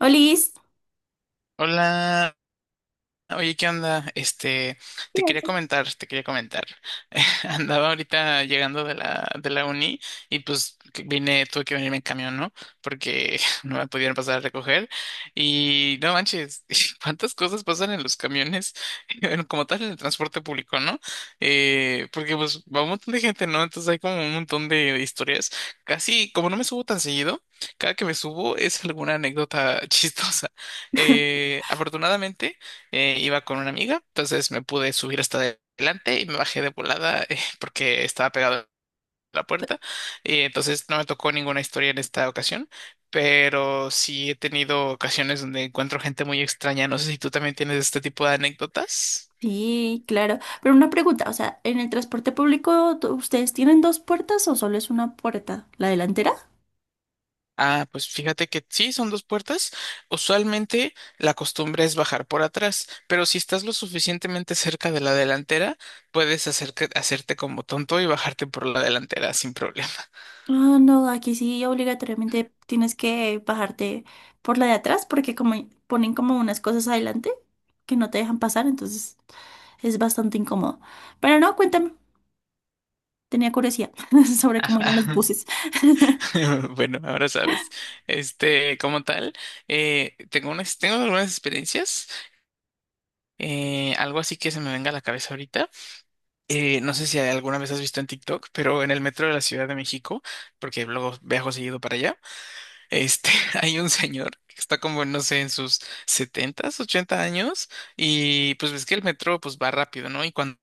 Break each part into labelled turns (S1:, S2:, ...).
S1: Olis,
S2: Hola. Oye, ¿qué onda? Te quería comentar, te quería comentar. Andaba ahorita llegando de la uni y pues que vine, tuve que venirme en camión, ¿no? Porque no me pudieron pasar a recoger. Y no manches, cuántas cosas pasan en los camiones, bueno, como tal en el transporte público, ¿no? Porque pues va un montón de gente, ¿no? Entonces hay como un montón de historias. Casi, como no me subo tan seguido, cada que me subo es alguna anécdota chistosa. Afortunadamente iba con una amiga, entonces me pude subir hasta adelante y me bajé de volada porque estaba pegado a la puerta. Y entonces no me tocó ninguna historia en esta ocasión, pero sí he tenido ocasiones donde encuentro gente muy extraña. No sé si tú también tienes este tipo de anécdotas.
S1: sí, claro. Pero una pregunta, o sea, ¿en el transporte público ustedes tienen dos puertas o solo es una puerta? ¿La delantera?
S2: Ah, pues fíjate que sí, son dos puertas. Usualmente la costumbre es bajar por atrás, pero si estás lo suficientemente cerca de la delantera, puedes hacerte como tonto y bajarte por la delantera sin problema.
S1: Ah, no, aquí sí obligatoriamente tienes que bajarte por la de atrás porque como ponen como unas cosas adelante que no te dejan pasar, entonces es bastante incómodo. Pero no, cuéntame, tenía curiosidad sobre cómo eran los buses.
S2: Bueno, ahora sabes. Como tal, tengo algunas experiencias, algo así que se me venga a la cabeza ahorita. No sé si alguna vez has visto en TikTok, pero en el metro de la Ciudad de México, porque luego viajo seguido para allá, este, hay un señor que está como, no sé, en sus 70 80 años, y pues ves que el metro pues va rápido, ¿no? Y cuando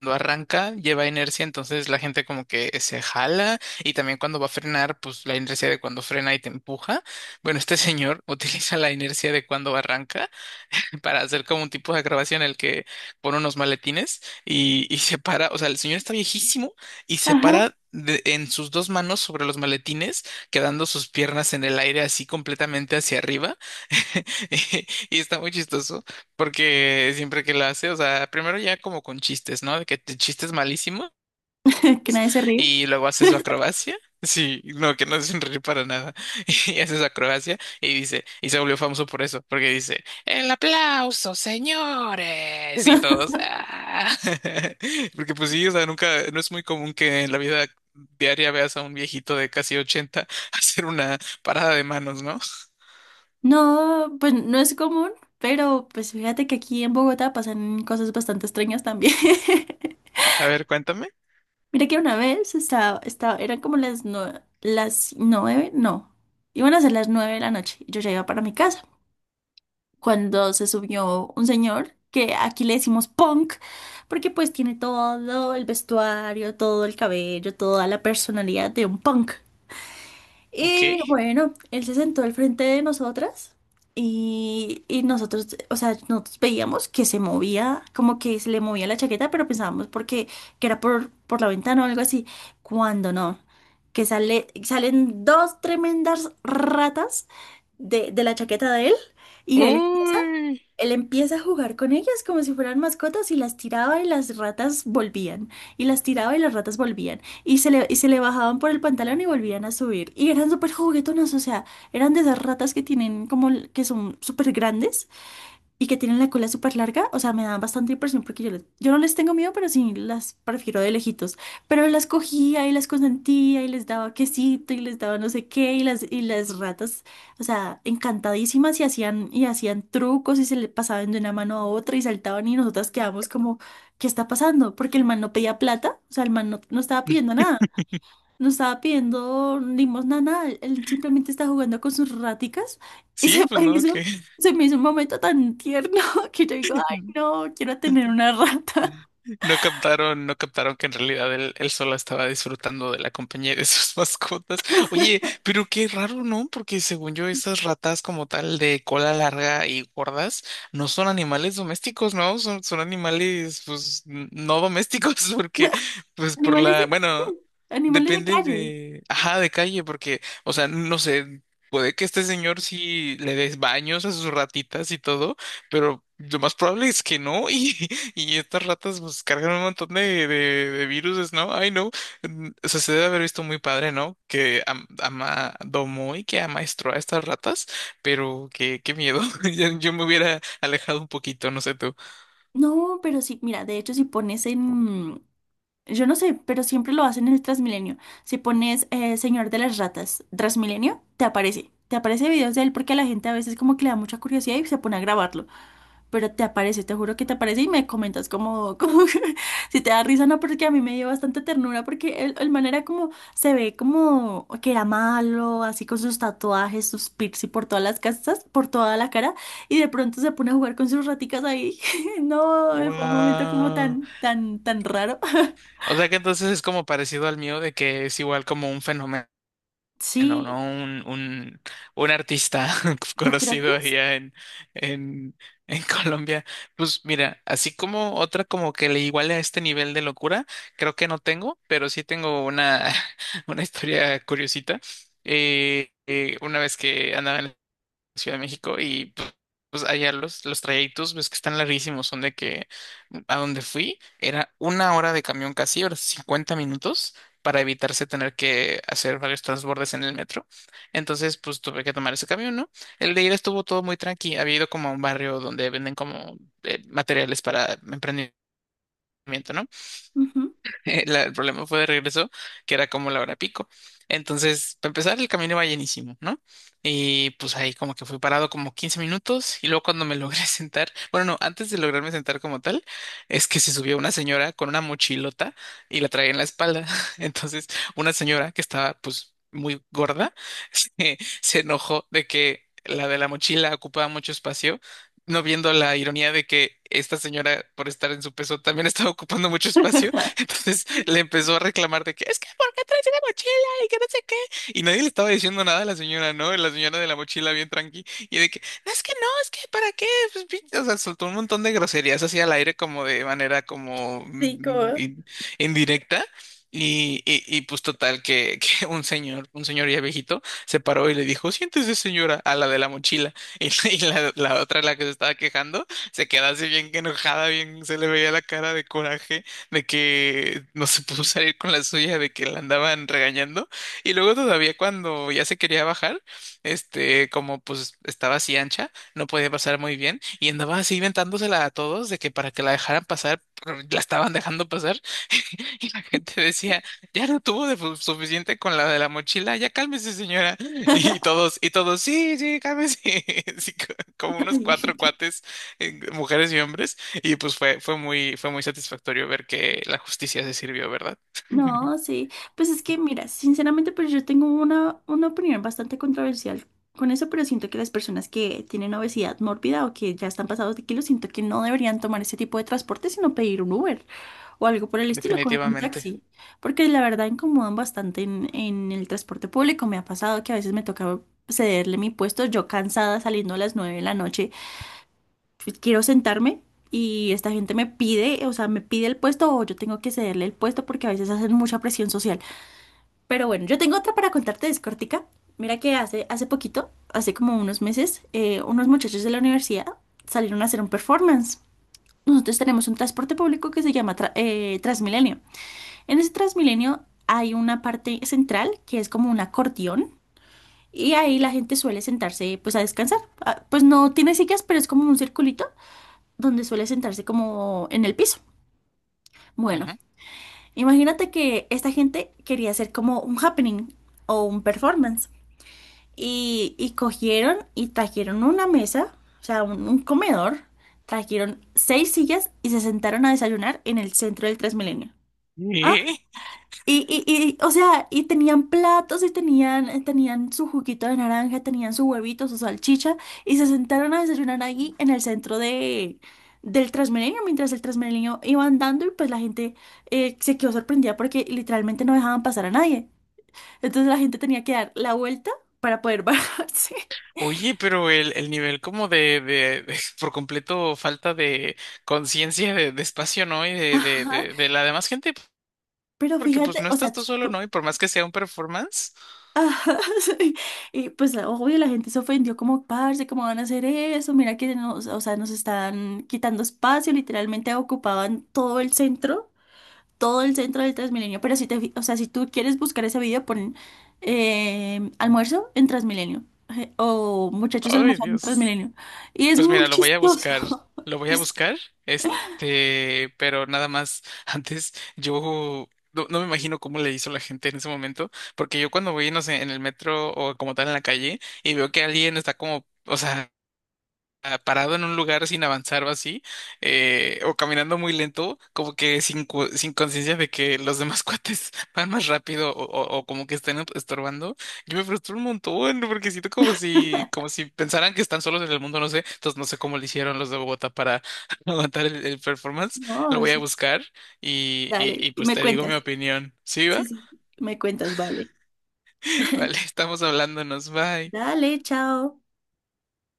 S2: cuando arranca lleva inercia, entonces la gente como que se jala y también cuando va a frenar, pues la inercia de cuando frena y te empuja. Bueno, este señor utiliza la inercia de cuando arranca para hacer como un tipo de grabación en el que pone unos maletines y se para, o sea, el señor está viejísimo y se
S1: Ajá,
S2: para en sus dos manos sobre los maletines, quedando sus piernas en el aire así completamente hacia arriba. Y está muy chistoso porque siempre que lo hace, o sea, primero ya como con chistes, ¿no? De que chistes malísimos
S1: que nadie se ríe.
S2: y luego hace su acrobacia. Sí, no, que no es sonreír para nada. Y hace su acrobacia y dice, y se volvió famoso por eso, porque dice, el aplauso, señores, y todos. "Ah". Porque pues sí, o sea, nunca, no es muy común que en la vida diaria veas a un viejito de casi 80 hacer una parada de manos, ¿no?
S1: No, pues no es común, pero pues fíjate que aquí en Bogotá pasan cosas bastante extrañas también.
S2: A ver, cuéntame.
S1: Mira que una vez estaba, eran como las nueve, no, iban a ser las 9 de la noche y yo ya iba para mi casa. Cuando se subió un señor que aquí le decimos punk, porque pues tiene todo el vestuario, todo el cabello, toda la personalidad de un punk.
S2: Ok.
S1: Y bueno, él se sentó al frente de nosotras y nosotros, o sea, nosotros veíamos que se movía, como que se le movía la chaqueta, pero pensábamos porque que era por la ventana o algo así. Cuando no, que salen dos tremendas ratas de la chaqueta de él y
S2: Uy.
S1: él empieza a jugar con ellas como si fueran mascotas y las tiraba y las ratas volvían. Y las tiraba y las ratas volvían. Y se le bajaban por el pantalón y volvían a subir. Y eran súper juguetonas, o sea, eran de esas ratas que tienen como, que son súper grandes y que tienen la cola súper larga, o sea, me dan bastante impresión porque yo no les tengo miedo, pero sí las prefiero de lejitos. Pero las cogía y las consentía y les daba quesito y les daba no sé qué y las ratas, o sea, encantadísimas y y hacían trucos y se le pasaban de una mano a otra y saltaban y nosotras quedamos como, ¿qué está pasando? Porque el man no pedía plata, o sea, el man no, no estaba pidiendo nada. No estaba pidiendo limosna, nada. Él simplemente está jugando con sus raticas y
S2: Sí, pues no, que
S1: se me hizo un momento tan tierno que yo digo, ay, no, quiero tener una rata.
S2: No captaron que en realidad él solo estaba disfrutando de la compañía de sus mascotas. Oye, pero qué raro, ¿no? Porque según yo, esas ratas como tal de cola larga y gordas no son animales domésticos, ¿no? Son animales, pues, no domésticos, porque, pues, por
S1: Animales
S2: la,
S1: de, sí,
S2: bueno,
S1: animales de
S2: depende
S1: calle.
S2: de, ajá, de calle, porque, o sea, no sé. Puede que este señor sí le des baños a sus ratitas y todo, pero lo más probable es que no. Y estas ratas pues cargan un montón de viruses, ¿no? Ay, no. O sea, se debe haber visto muy padre, ¿no? Que ama, domó y que amaestró a estas ratas, pero qué miedo. Yo me hubiera alejado un poquito, no sé tú.
S1: No, pero sí, mira, de hecho si pones en... Yo no sé, pero siempre lo hacen en el Transmilenio. Si pones Señor de las Ratas, Transmilenio, te aparece. Te aparece videos de él porque a la gente a veces como que le da mucha curiosidad y se pone a grabarlo. Pero te juro que te aparece y me comentas como, como si te da risa, no, porque a mí me dio bastante ternura porque el man era como, se ve como que era malo, así con sus tatuajes, sus piercing por todas las casas, por toda la cara, y de pronto se pone a jugar con sus raticas ahí. No, fue un momento como
S2: Wow.
S1: tan, tan, tan raro.
S2: O sea que entonces es como parecido al mío de que es igual como un fenómeno. No,
S1: Sí,
S2: no, un artista
S1: yo creo que
S2: conocido
S1: es.
S2: allá en, en Colombia. Pues mira, así como otra como que le iguale a este nivel de locura, creo que no tengo, pero sí tengo una historia curiosita. Una vez que andaba en Ciudad de México y pues, allá los trayectos ves que están larguísimos, son de que a donde fui era una hora de camión casi, ahora sí, 50 minutos para evitarse tener que hacer varios transbordes en el metro. Entonces pues tuve que tomar ese camión, ¿no? El de ida estuvo todo muy tranqui, había ido como a un barrio donde venden como materiales para emprendimiento, ¿no?
S1: Ujú.
S2: El problema fue de regreso, que era como la hora pico. Entonces, para empezar, el camino iba llenísimo, ¿no? Y pues ahí como que fui parado como 15 minutos y luego cuando me logré sentar, bueno, no, antes de lograrme sentar como tal, es que se subió una señora con una mochilota y la traía en la espalda. Entonces, una señora que estaba pues muy gorda, se enojó de que la de la mochila ocupaba mucho espacio, no viendo la ironía de que esta señora, por estar en su peso, también estaba ocupando mucho espacio. Entonces le empezó a reclamar de que es que ¿por qué traes una mochila? Y que no sé qué. Y nadie le estaba diciendo nada a la señora, ¿no? La señora de la mochila bien tranqui. Y de que, no, es que no, es que ¿para qué? Pues, o sea, soltó un montón de groserías así al aire como de manera como
S1: Sí, como...
S2: indirecta. Y, pues total que, que un señor ya viejito, se paró y le dijo, siéntese señora, a la de la mochila. La otra, la que se estaba quejando, se quedó así bien enojada, bien se le veía la cara de coraje de que no se pudo salir con la suya, de que la andaban regañando. Y luego todavía cuando ya se quería bajar, como pues estaba así ancha, no podía pasar muy bien y andaba así inventándosela a todos de que para que la dejaran pasar, pero la estaban dejando pasar y la gente decía, ya no tuvo de suficiente con la de la mochila, ya cálmese, señora. Y todos, sí, sí, cálmese. Sí, como unos
S1: ay,
S2: cuatro cuates, mujeres y hombres. Y pues fue muy satisfactorio ver que la justicia se sirvió, ¿verdad?
S1: no, sí. Pues es que, mira, sinceramente, pues yo tengo una opinión bastante controversial con eso, pero siento que las personas que tienen obesidad mórbida o que ya están pasados de kilos, siento que no deberían tomar ese tipo de transporte, sino pedir un Uber o algo por el estilo, coger un
S2: Definitivamente.
S1: taxi, porque la verdad incomodan bastante en el transporte público. Me ha pasado que a veces me toca cederle mi puesto, yo cansada saliendo a las 9 de la noche, pues, quiero sentarme y esta gente me pide, o sea, me pide el puesto o yo tengo que cederle el puesto porque a veces hacen mucha presión social. Pero bueno, yo tengo otra para contarte, es cortica. Mira que hace poquito, hace como unos meses, unos muchachos de la universidad salieron a hacer un performance. Nosotros tenemos un transporte público que se llama Transmilenio. En ese Transmilenio hay una parte central que es como un acordeón y ahí la gente suele sentarse pues a descansar. Ah, pues no tiene sillas, pero es como un circulito donde suele sentarse como en el piso. Bueno,
S2: Ajá.
S1: imagínate que esta gente quería hacer como un happening o un performance y cogieron y trajeron una mesa, o sea, un comedor, trajeron seis sillas y se sentaron a desayunar en el centro del Transmilenio.
S2: ¿Eh?
S1: O sea, y tenían platos y tenían su juguito de naranja, tenían su huevito, su salchicha, y se sentaron a desayunar allí en el centro del Transmilenio, mientras el Transmilenio iba andando y pues la gente se quedó sorprendida porque literalmente no dejaban pasar a nadie. Entonces la gente tenía que dar la vuelta para poder bajarse.
S2: Oye, pero el nivel como por completo falta de conciencia de espacio, ¿no? Y
S1: Ajá.
S2: de la demás gente,
S1: Pero
S2: porque pues
S1: fíjate,
S2: no
S1: o
S2: estás
S1: sea,
S2: tú
S1: si
S2: solo,
S1: tú-
S2: ¿no? Y por más que sea un performance,
S1: Ajá, sí. Y pues obvio la gente se ofendió como, parce, ¿cómo van a hacer eso? Mira que nos, o sea, nos están quitando espacio, literalmente ocupaban todo el centro del Transmilenio. Pero si te, fi- o sea, si tú quieres buscar ese video, pon almuerzo en Transmilenio, o muchachos
S2: ay,
S1: almorzando en
S2: Dios.
S1: Transmilenio. Y es
S2: Pues mira,
S1: muy
S2: lo voy a buscar,
S1: chistoso.
S2: lo voy a
S1: Es-
S2: buscar, pero nada más, antes yo no me imagino cómo le hizo la gente en ese momento, porque yo cuando voy, no sé, en el metro o como tal en la calle y veo que alguien está como, o sea... parado en un lugar sin avanzar o así, o caminando muy lento, como que sin, sin conciencia de que los demás cuates van más rápido o, o como que están estorbando, yo me frustro un montón porque siento como si pensaran que están solos en el mundo, no sé, entonces no sé cómo le hicieron los de Bogotá para aguantar el performance,
S1: no,
S2: lo voy
S1: es-
S2: a buscar
S1: Dale,
S2: y
S1: y
S2: pues
S1: me
S2: te digo mi
S1: cuentas.
S2: opinión, ¿sí va?
S1: Sí, sí, me cuentas, vale.
S2: Vale, estamos hablándonos, bye.
S1: Dale, chao.